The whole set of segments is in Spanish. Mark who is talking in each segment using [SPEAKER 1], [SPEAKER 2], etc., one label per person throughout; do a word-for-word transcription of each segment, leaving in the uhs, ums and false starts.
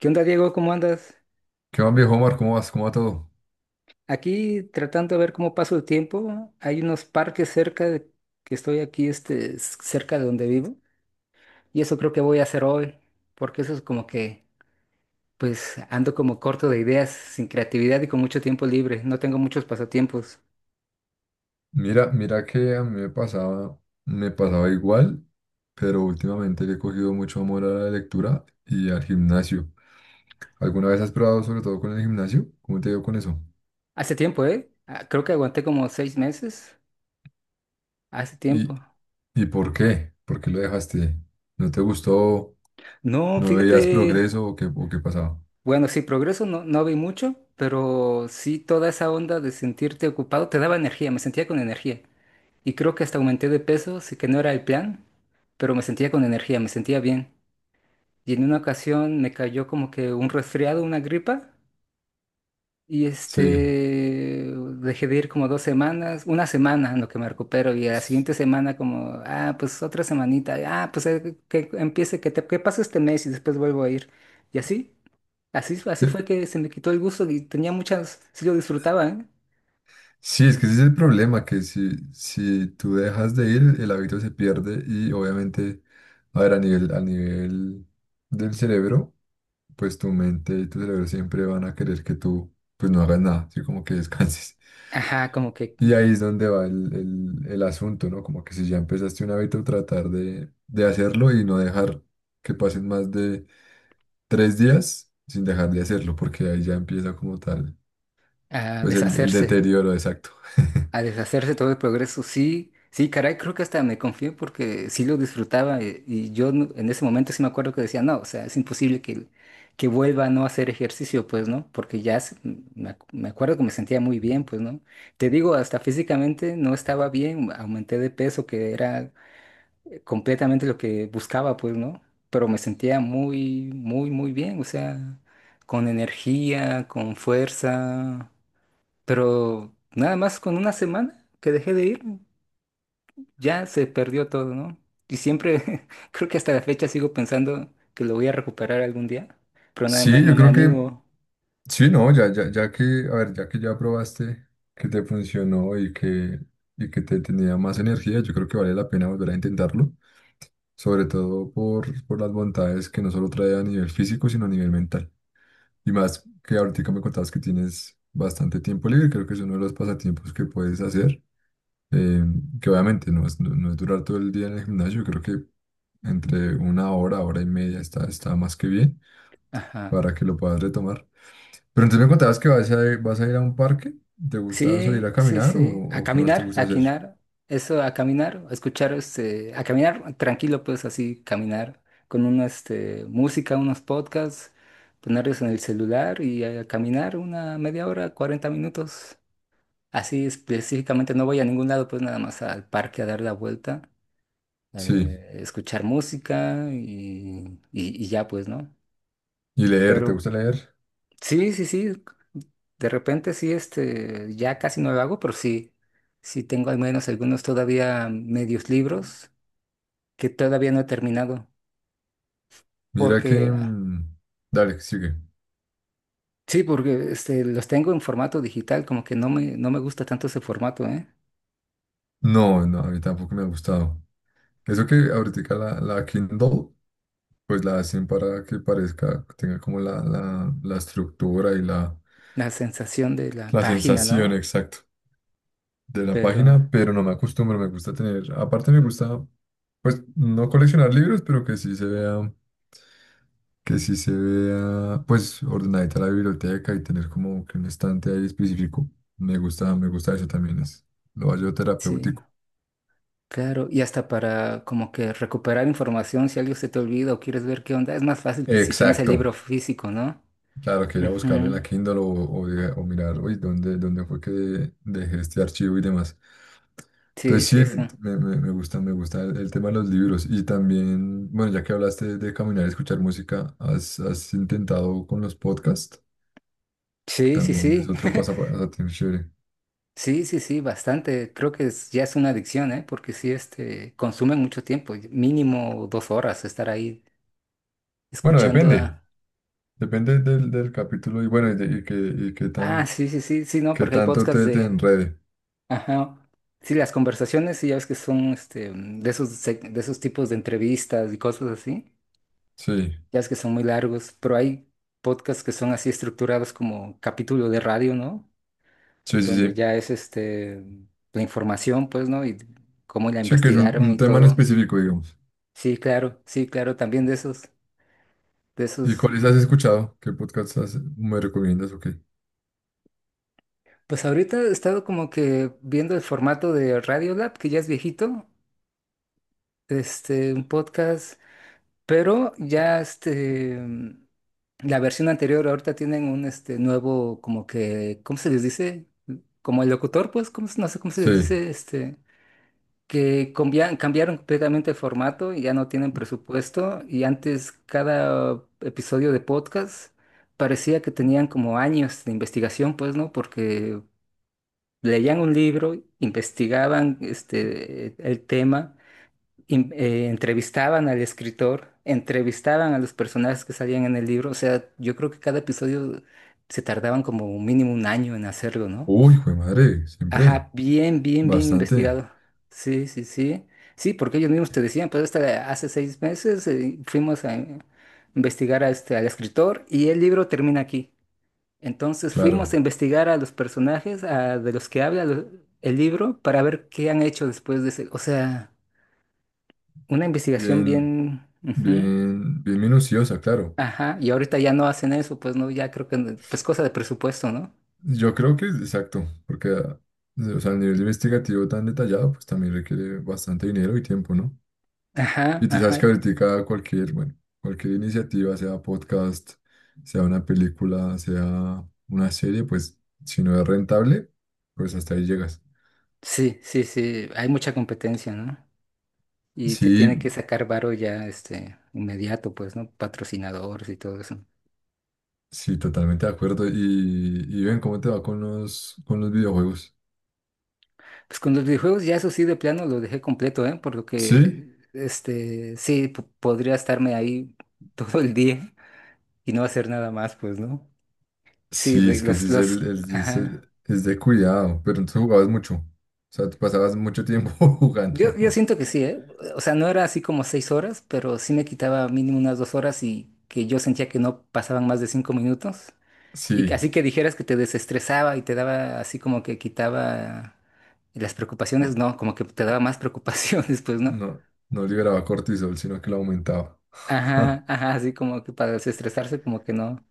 [SPEAKER 1] ¿Qué onda, Diego? ¿Cómo andas?
[SPEAKER 2] ¿Qué más, viejo Omar? ¿Cómo vas? ¿Cómo va todo?
[SPEAKER 1] Aquí tratando de ver cómo paso el tiempo. Hay unos parques cerca de que estoy aquí, este, s- cerca de donde vivo. Y eso creo que voy a hacer hoy, porque eso es como que, pues, ando como corto de ideas, sin creatividad y con mucho tiempo libre. No tengo muchos pasatiempos.
[SPEAKER 2] Mira, mira que a mí me pasaba, me pasaba igual, pero últimamente le he cogido mucho amor a la lectura y al gimnasio. ¿Alguna vez has probado sobre todo con el gimnasio? ¿Cómo te ha ido con eso?
[SPEAKER 1] Hace tiempo, ¿eh? Ah, Creo que aguanté como seis meses. Hace
[SPEAKER 2] ¿Y,
[SPEAKER 1] tiempo.
[SPEAKER 2] y por qué? ¿Por qué lo dejaste? ¿No te gustó?
[SPEAKER 1] No,
[SPEAKER 2] ¿No veías
[SPEAKER 1] fíjate.
[SPEAKER 2] progreso o qué, o qué pasaba?
[SPEAKER 1] Bueno, sí, progreso no, no vi mucho, pero sí toda esa onda de sentirte ocupado te daba energía, me sentía con energía. Y creo que hasta aumenté de peso, sí que no era el plan, pero me sentía con energía, me sentía bien. Y en una ocasión me cayó como que un resfriado, una gripa, y
[SPEAKER 2] Sí.
[SPEAKER 1] este, dejé de ir como dos semanas, una semana en lo que me recupero, y a la siguiente semana como, ah, pues otra semanita, ah, pues eh, que empiece, que, te, que pase este mes y después vuelvo a ir. Y así, así, así
[SPEAKER 2] Sí,
[SPEAKER 1] fue que se me quitó el gusto y tenía muchas, sí lo disfrutaba, ¿eh?
[SPEAKER 2] sí, es que ese es el problema, que si, si tú dejas de ir, el hábito se pierde y obviamente, a ver, a nivel, a nivel del cerebro pues tu mente y tu cerebro siempre van a querer que tú pues no hagas nada, así como que descanses.
[SPEAKER 1] Ajá, como que
[SPEAKER 2] Y ahí es donde va el, el- el asunto, ¿no? Como que si ya empezaste un hábito, tratar de, de hacerlo y no dejar que pasen más de tres días sin dejar de hacerlo, porque ahí ya empieza como tal,
[SPEAKER 1] ah,
[SPEAKER 2] pues el, el
[SPEAKER 1] deshacerse.
[SPEAKER 2] deterioro exacto.
[SPEAKER 1] A deshacerse todo el progreso, sí, sí, caray, creo que hasta me confié porque sí lo disfrutaba eh, y yo no- en ese momento sí me acuerdo que decía, no, o sea, es imposible que, que vuelva a no hacer ejercicio, pues, ¿no? Porque ya se- me, ac- me acuerdo que me sentía muy bien, pues, ¿no? Te digo, hasta físicamente no estaba bien, aumenté de peso, que era eh, completamente lo que buscaba, pues, ¿no? Pero me sentía muy, muy, muy bien, o sea, con energía, con fuerza. Pero nada más con una semana que dejé de ir, ya se perdió todo, ¿no? Y siempre, creo que hasta la fecha sigo pensando que lo voy a recuperar algún día, pero nada más
[SPEAKER 2] Sí,
[SPEAKER 1] no
[SPEAKER 2] yo
[SPEAKER 1] me
[SPEAKER 2] creo que,
[SPEAKER 1] animo.
[SPEAKER 2] sí, no, ya, ya, ya que, a ver, ya que ya probaste que te funcionó y que, y que te tenía más energía, yo creo que vale la pena volver a intentarlo. Sobre todo por, por las bondades que no solo trae a nivel físico, sino a nivel mental. Y más que ahorita me contabas que tienes bastante tiempo libre, creo que es uno de los pasatiempos que puedes hacer, eh, que obviamente no es, no, no es durar todo el día en el gimnasio, creo que entre una hora, hora y media está, está más que bien
[SPEAKER 1] Ajá.
[SPEAKER 2] para que lo puedas retomar. Pero entonces me contabas que vas a, vas a ir a un parque, ¿te gusta salir a
[SPEAKER 1] Sí, sí,
[SPEAKER 2] caminar o,
[SPEAKER 1] sí. A
[SPEAKER 2] o qué más te
[SPEAKER 1] caminar,
[SPEAKER 2] gusta
[SPEAKER 1] a
[SPEAKER 2] hacer?
[SPEAKER 1] quinar, eso, a caminar, a escuchar, este, a caminar tranquilo, pues así, caminar con una, este, música, unos podcasts, ponerlos en el celular y a caminar una media hora, cuarenta minutos. Así específicamente no voy a ningún lado, pues nada más al parque a dar la vuelta,
[SPEAKER 2] Sí,
[SPEAKER 1] eh, escuchar música y, y- y ya pues, ¿no?
[SPEAKER 2] y leer, ¿te
[SPEAKER 1] Pero
[SPEAKER 2] gusta leer?
[SPEAKER 1] sí, sí, sí, de repente sí, este, ya casi no lo hago, pero sí, sí tengo al menos algunos todavía medios libros que todavía no he terminado,
[SPEAKER 2] Mira que...
[SPEAKER 1] porque,
[SPEAKER 2] mm, dale, sigue.
[SPEAKER 1] sí, porque este, los tengo en formato digital, como que no me, no me gusta tanto ese formato, ¿eh?
[SPEAKER 2] No, no, a mí tampoco me ha gustado. Eso que ahorita la, la Kindle, pues la hacen para que parezca, tenga como la, la, la estructura y la,
[SPEAKER 1] La sensación de la
[SPEAKER 2] la
[SPEAKER 1] página,
[SPEAKER 2] sensación
[SPEAKER 1] ¿no?
[SPEAKER 2] exacta de la
[SPEAKER 1] Pero
[SPEAKER 2] página, pero no me acostumbro, me gusta tener, aparte me gusta, pues no coleccionar libros, pero que sí se vea, que sí se vea, pues ordenadita la biblioteca y tener como que un estante ahí específico. Me gusta, me gusta eso también, es lo hallo
[SPEAKER 1] sí.
[SPEAKER 2] terapéutico.
[SPEAKER 1] Claro, y hasta para como que recuperar información si algo se te olvida o quieres ver qué onda, es más fácil si tienes el
[SPEAKER 2] Exacto.
[SPEAKER 1] libro físico, ¿no?
[SPEAKER 2] Claro, que ir a buscarlo en
[SPEAKER 1] Ujú.
[SPEAKER 2] la Kindle o, o de- o mirar, uy, ¿dónde, dónde fue que dejé este archivo y demás?
[SPEAKER 1] Sí,
[SPEAKER 2] Entonces sí,
[SPEAKER 1] sí, sí.
[SPEAKER 2] me, me- me gusta, me gusta el, el tema de los libros. Y también, bueno, ya que hablaste de caminar y escuchar música, ¿has, has intentado con los podcasts? Que
[SPEAKER 1] Sí, sí,
[SPEAKER 2] también es
[SPEAKER 1] sí.
[SPEAKER 2] otro pasatiempo chévere.
[SPEAKER 1] Sí, sí, sí, bastante. Creo que es- ya es una adicción, ¿eh? Porque sí, este, consume mucho tiempo, mínimo dos horas estar ahí
[SPEAKER 2] Bueno,
[SPEAKER 1] escuchando
[SPEAKER 2] depende,
[SPEAKER 1] a.
[SPEAKER 2] depende del, del capítulo y bueno, y, de- y que, y qué
[SPEAKER 1] Ah,
[SPEAKER 2] tan,
[SPEAKER 1] sí, sí, sí, sí, no,
[SPEAKER 2] qué
[SPEAKER 1] porque hay
[SPEAKER 2] tanto
[SPEAKER 1] podcasts
[SPEAKER 2] te, te
[SPEAKER 1] de.
[SPEAKER 2] enrede.
[SPEAKER 1] Ajá. Sí, las conversaciones, sí, ya ves que son, este, de esos, seg- de esos tipos de entrevistas y cosas así.
[SPEAKER 2] Sí,
[SPEAKER 1] Ya es que son muy largos, pero hay podcasts que son así estructurados como capítulo de radio, ¿no?
[SPEAKER 2] sí, sí,
[SPEAKER 1] Donde
[SPEAKER 2] sí.
[SPEAKER 1] ya es este la información, pues, ¿no? Y cómo la
[SPEAKER 2] Sí, que es un,
[SPEAKER 1] investigaron
[SPEAKER 2] un
[SPEAKER 1] y
[SPEAKER 2] tema en
[SPEAKER 1] todo.
[SPEAKER 2] específico, digamos.
[SPEAKER 1] Sí, claro, sí, claro, también de esos, de
[SPEAKER 2] ¿Y
[SPEAKER 1] esos.
[SPEAKER 2] cuáles has escuchado? ¿Qué podcast has- me recomiendas o qué?
[SPEAKER 1] Pues ahorita he estado como que viendo el formato de Radiolab, que ya es viejito, este, un podcast. Pero ya este, la versión anterior ahorita tienen un este nuevo, como que, ¿cómo se les dice? Como el locutor, pues, ¿cómo se- no sé cómo se les
[SPEAKER 2] Sí.
[SPEAKER 1] dice, este, que combia- cambiaron completamente el formato y ya no tienen presupuesto. Y antes cada episodio de podcast parecía que tenían como años de investigación, pues, ¿no? Porque leían un libro, investigaban este, el tema in- eh, entrevistaban al escritor, entrevistaban a los personajes que salían en el libro. O sea, yo creo que cada episodio se tardaban como mínimo un año en hacerlo, ¿no?
[SPEAKER 2] Uy, hijo de madre, siempre.
[SPEAKER 1] Ajá, bien, bien, bien
[SPEAKER 2] Bastante,
[SPEAKER 1] investigado. Sí, sí, sí. Sí, porque ellos mismos te decían, pues hasta hace seis meses eh, fuimos a investigar a este, al escritor y el libro termina aquí. Entonces
[SPEAKER 2] claro.
[SPEAKER 1] fuimos a investigar a los personajes a- de los que habla lo- el libro para ver qué han hecho después de ese. O sea. Una investigación
[SPEAKER 2] Bien,
[SPEAKER 1] bien. Ujú.
[SPEAKER 2] bien, bien minuciosa, claro.
[SPEAKER 1] Ajá, y ahorita ya no hacen eso, pues no, ya creo que, no- pues cosa de presupuesto, ¿no?
[SPEAKER 2] Yo creo que es exacto, porque, ah, o sea, el nivel investigativo tan detallado, pues también requiere bastante dinero y tiempo, ¿no?
[SPEAKER 1] Ajá,
[SPEAKER 2] Y tú sabes
[SPEAKER 1] ajá.
[SPEAKER 2] que ahorita cualquier, bueno, cualquier iniciativa, sea podcast, sea una película, sea una serie, pues si no es rentable, pues hasta ahí llegas.
[SPEAKER 1] Sí, sí, sí, hay mucha competencia, ¿no? Y se tiene
[SPEAKER 2] Sí,
[SPEAKER 1] que sacar varo ya, este, inmediato, pues, ¿no? Patrocinadores y todo eso.
[SPEAKER 2] sí, totalmente de acuerdo. Y, y ven cómo te va con los, con los videojuegos.
[SPEAKER 1] Pues con los videojuegos ya eso sí de plano lo dejé completo, ¿eh? Por lo que,
[SPEAKER 2] ¿Sí?
[SPEAKER 1] este, sí, po- podría estarme ahí todo el día y no hacer nada más, pues, ¿no? Sí,
[SPEAKER 2] Sí,
[SPEAKER 1] de
[SPEAKER 2] es que ese
[SPEAKER 1] los,
[SPEAKER 2] es el,
[SPEAKER 1] los,
[SPEAKER 2] el- es
[SPEAKER 1] ajá.
[SPEAKER 2] el- es de cuidado, pero entonces jugabas mucho. O sea, tú pasabas mucho tiempo
[SPEAKER 1] Yo, yo
[SPEAKER 2] jugando.
[SPEAKER 1] siento que sí, ¿eh? O sea, no era así como seis horas, pero sí me quitaba mínimo unas dos horas y que yo sentía que no pasaban más de cinco minutos. Y que-
[SPEAKER 2] Sí,
[SPEAKER 1] así que dijeras que te desestresaba y te daba así como que quitaba las preocupaciones, no, como que te daba más preocupaciones, pues, ¿no?
[SPEAKER 2] no, no liberaba cortisol, sino que lo aumentaba.
[SPEAKER 1] Ajá, ajá, así como que para desestresarse, como que no.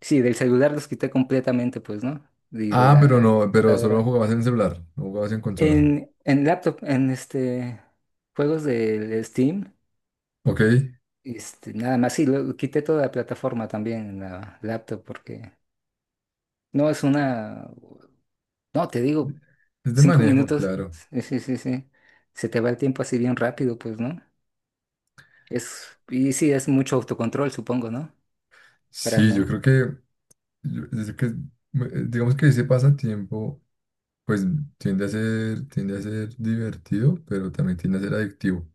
[SPEAKER 1] Sí, del celular los quité completamente, pues, ¿no? Y de
[SPEAKER 2] Ah, pero
[SPEAKER 1] la
[SPEAKER 2] no, pero solo
[SPEAKER 1] computadora.
[SPEAKER 2] jugabas en celular, no jugabas en consola.
[SPEAKER 1] En, en laptop, en este, juegos del Steam.
[SPEAKER 2] Ok,
[SPEAKER 1] Este, nada más, sí, lo- quité toda la plataforma también en la laptop porque no es una, no, te digo,
[SPEAKER 2] es de
[SPEAKER 1] cinco
[SPEAKER 2] manejo,
[SPEAKER 1] minutos,
[SPEAKER 2] claro.
[SPEAKER 1] sí, sí, sí, sí, se te va el tiempo así bien rápido, pues, ¿no? Es, y sí, es mucho autocontrol, supongo, ¿no? Para
[SPEAKER 2] Sí, yo
[SPEAKER 1] no,
[SPEAKER 2] creo que, yo- es que, eh, digamos que ese pasatiempo. Pues tiende a ser, tiende a ser divertido, pero también tiende a ser adictivo.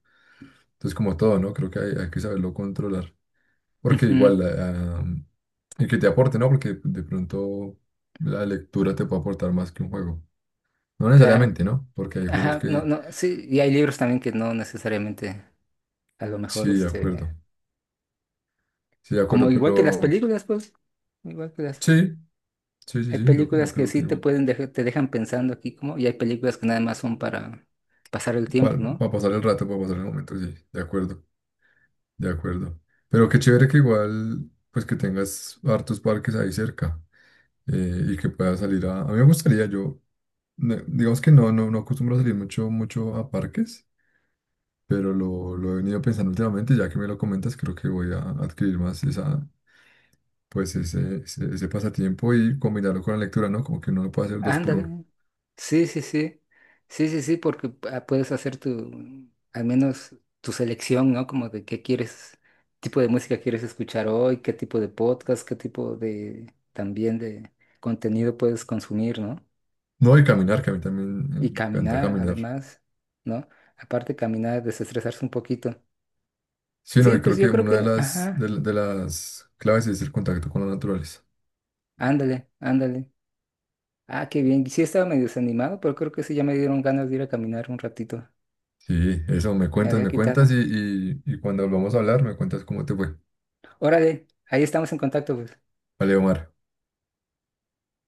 [SPEAKER 2] Entonces, como todo, ¿no? Creo que hay, hay que saberlo controlar. Porque
[SPEAKER 1] Ujú,
[SPEAKER 2] igual, ah, ah, y que te aporte, ¿no? Porque de pronto la lectura te puede aportar más que un juego. No
[SPEAKER 1] claro,
[SPEAKER 2] necesariamente, ¿no? Porque hay juegos
[SPEAKER 1] ajá, no,
[SPEAKER 2] que...
[SPEAKER 1] no, sí, y hay libros también que no necesariamente, a lo mejor,
[SPEAKER 2] Sí, de
[SPEAKER 1] este,
[SPEAKER 2] acuerdo. Sí, de
[SPEAKER 1] como
[SPEAKER 2] acuerdo,
[SPEAKER 1] igual que las
[SPEAKER 2] pero...
[SPEAKER 1] películas, pues, igual que las
[SPEAKER 2] Sí, sí, sí,
[SPEAKER 1] Hay
[SPEAKER 2] sí, yo,
[SPEAKER 1] películas
[SPEAKER 2] yo
[SPEAKER 1] que
[SPEAKER 2] creo que
[SPEAKER 1] sí te
[SPEAKER 2] igual.
[SPEAKER 1] pueden dejar, te dejan pensando aquí como, y hay películas que nada más son para pasar el tiempo,
[SPEAKER 2] Para,
[SPEAKER 1] ¿no?
[SPEAKER 2] pasar el rato, para pasar el momento, sí, de acuerdo, de acuerdo. Pero qué chévere que igual, pues que tengas hartos parques ahí cerca. eh, y que pueda salir a... A mí me gustaría, yo, ne- digamos que no, no, no acostumbro a salir mucho, mucho a parques, pero lo, lo he venido pensando últimamente, y ya que me lo comentas, creo que voy a adquirir más esa, pues ese, ese, ese pasatiempo y combinarlo con la lectura, ¿no? Como que uno lo puede hacer dos por uno.
[SPEAKER 1] Ándale. Sí, sí, sí. Sí, sí, sí, porque ah, puedes hacer tu, al menos tu selección, ¿no? Como de qué quieres, tipo de música quieres escuchar hoy, qué tipo de podcast, qué tipo de, también de contenido puedes consumir, ¿no?
[SPEAKER 2] No, y caminar, que a mí también eh,
[SPEAKER 1] Y
[SPEAKER 2] me encanta
[SPEAKER 1] caminar,
[SPEAKER 2] caminar.
[SPEAKER 1] además, ¿no? Aparte, caminar, desestresarse un poquito.
[SPEAKER 2] Sí, no,
[SPEAKER 1] Sí,
[SPEAKER 2] y
[SPEAKER 1] pues
[SPEAKER 2] creo
[SPEAKER 1] yo
[SPEAKER 2] que
[SPEAKER 1] creo
[SPEAKER 2] una de
[SPEAKER 1] que,
[SPEAKER 2] las, de,
[SPEAKER 1] ajá,
[SPEAKER 2] la- de las claves es el contacto con la naturaleza.
[SPEAKER 1] ándale, ándale. Ah, qué bien. Sí estaba medio desanimado, pero creo que sí ya me dieron ganas de ir a caminar un ratito.
[SPEAKER 2] Sí, eso, me
[SPEAKER 1] Me
[SPEAKER 2] cuentas,
[SPEAKER 1] había
[SPEAKER 2] me cuentas y,
[SPEAKER 1] quitado.
[SPEAKER 2] y, y cuando volvamos a hablar, me cuentas cómo te fue.
[SPEAKER 1] Órale, ahí estamos en contacto, pues.
[SPEAKER 2] Vale, Omar.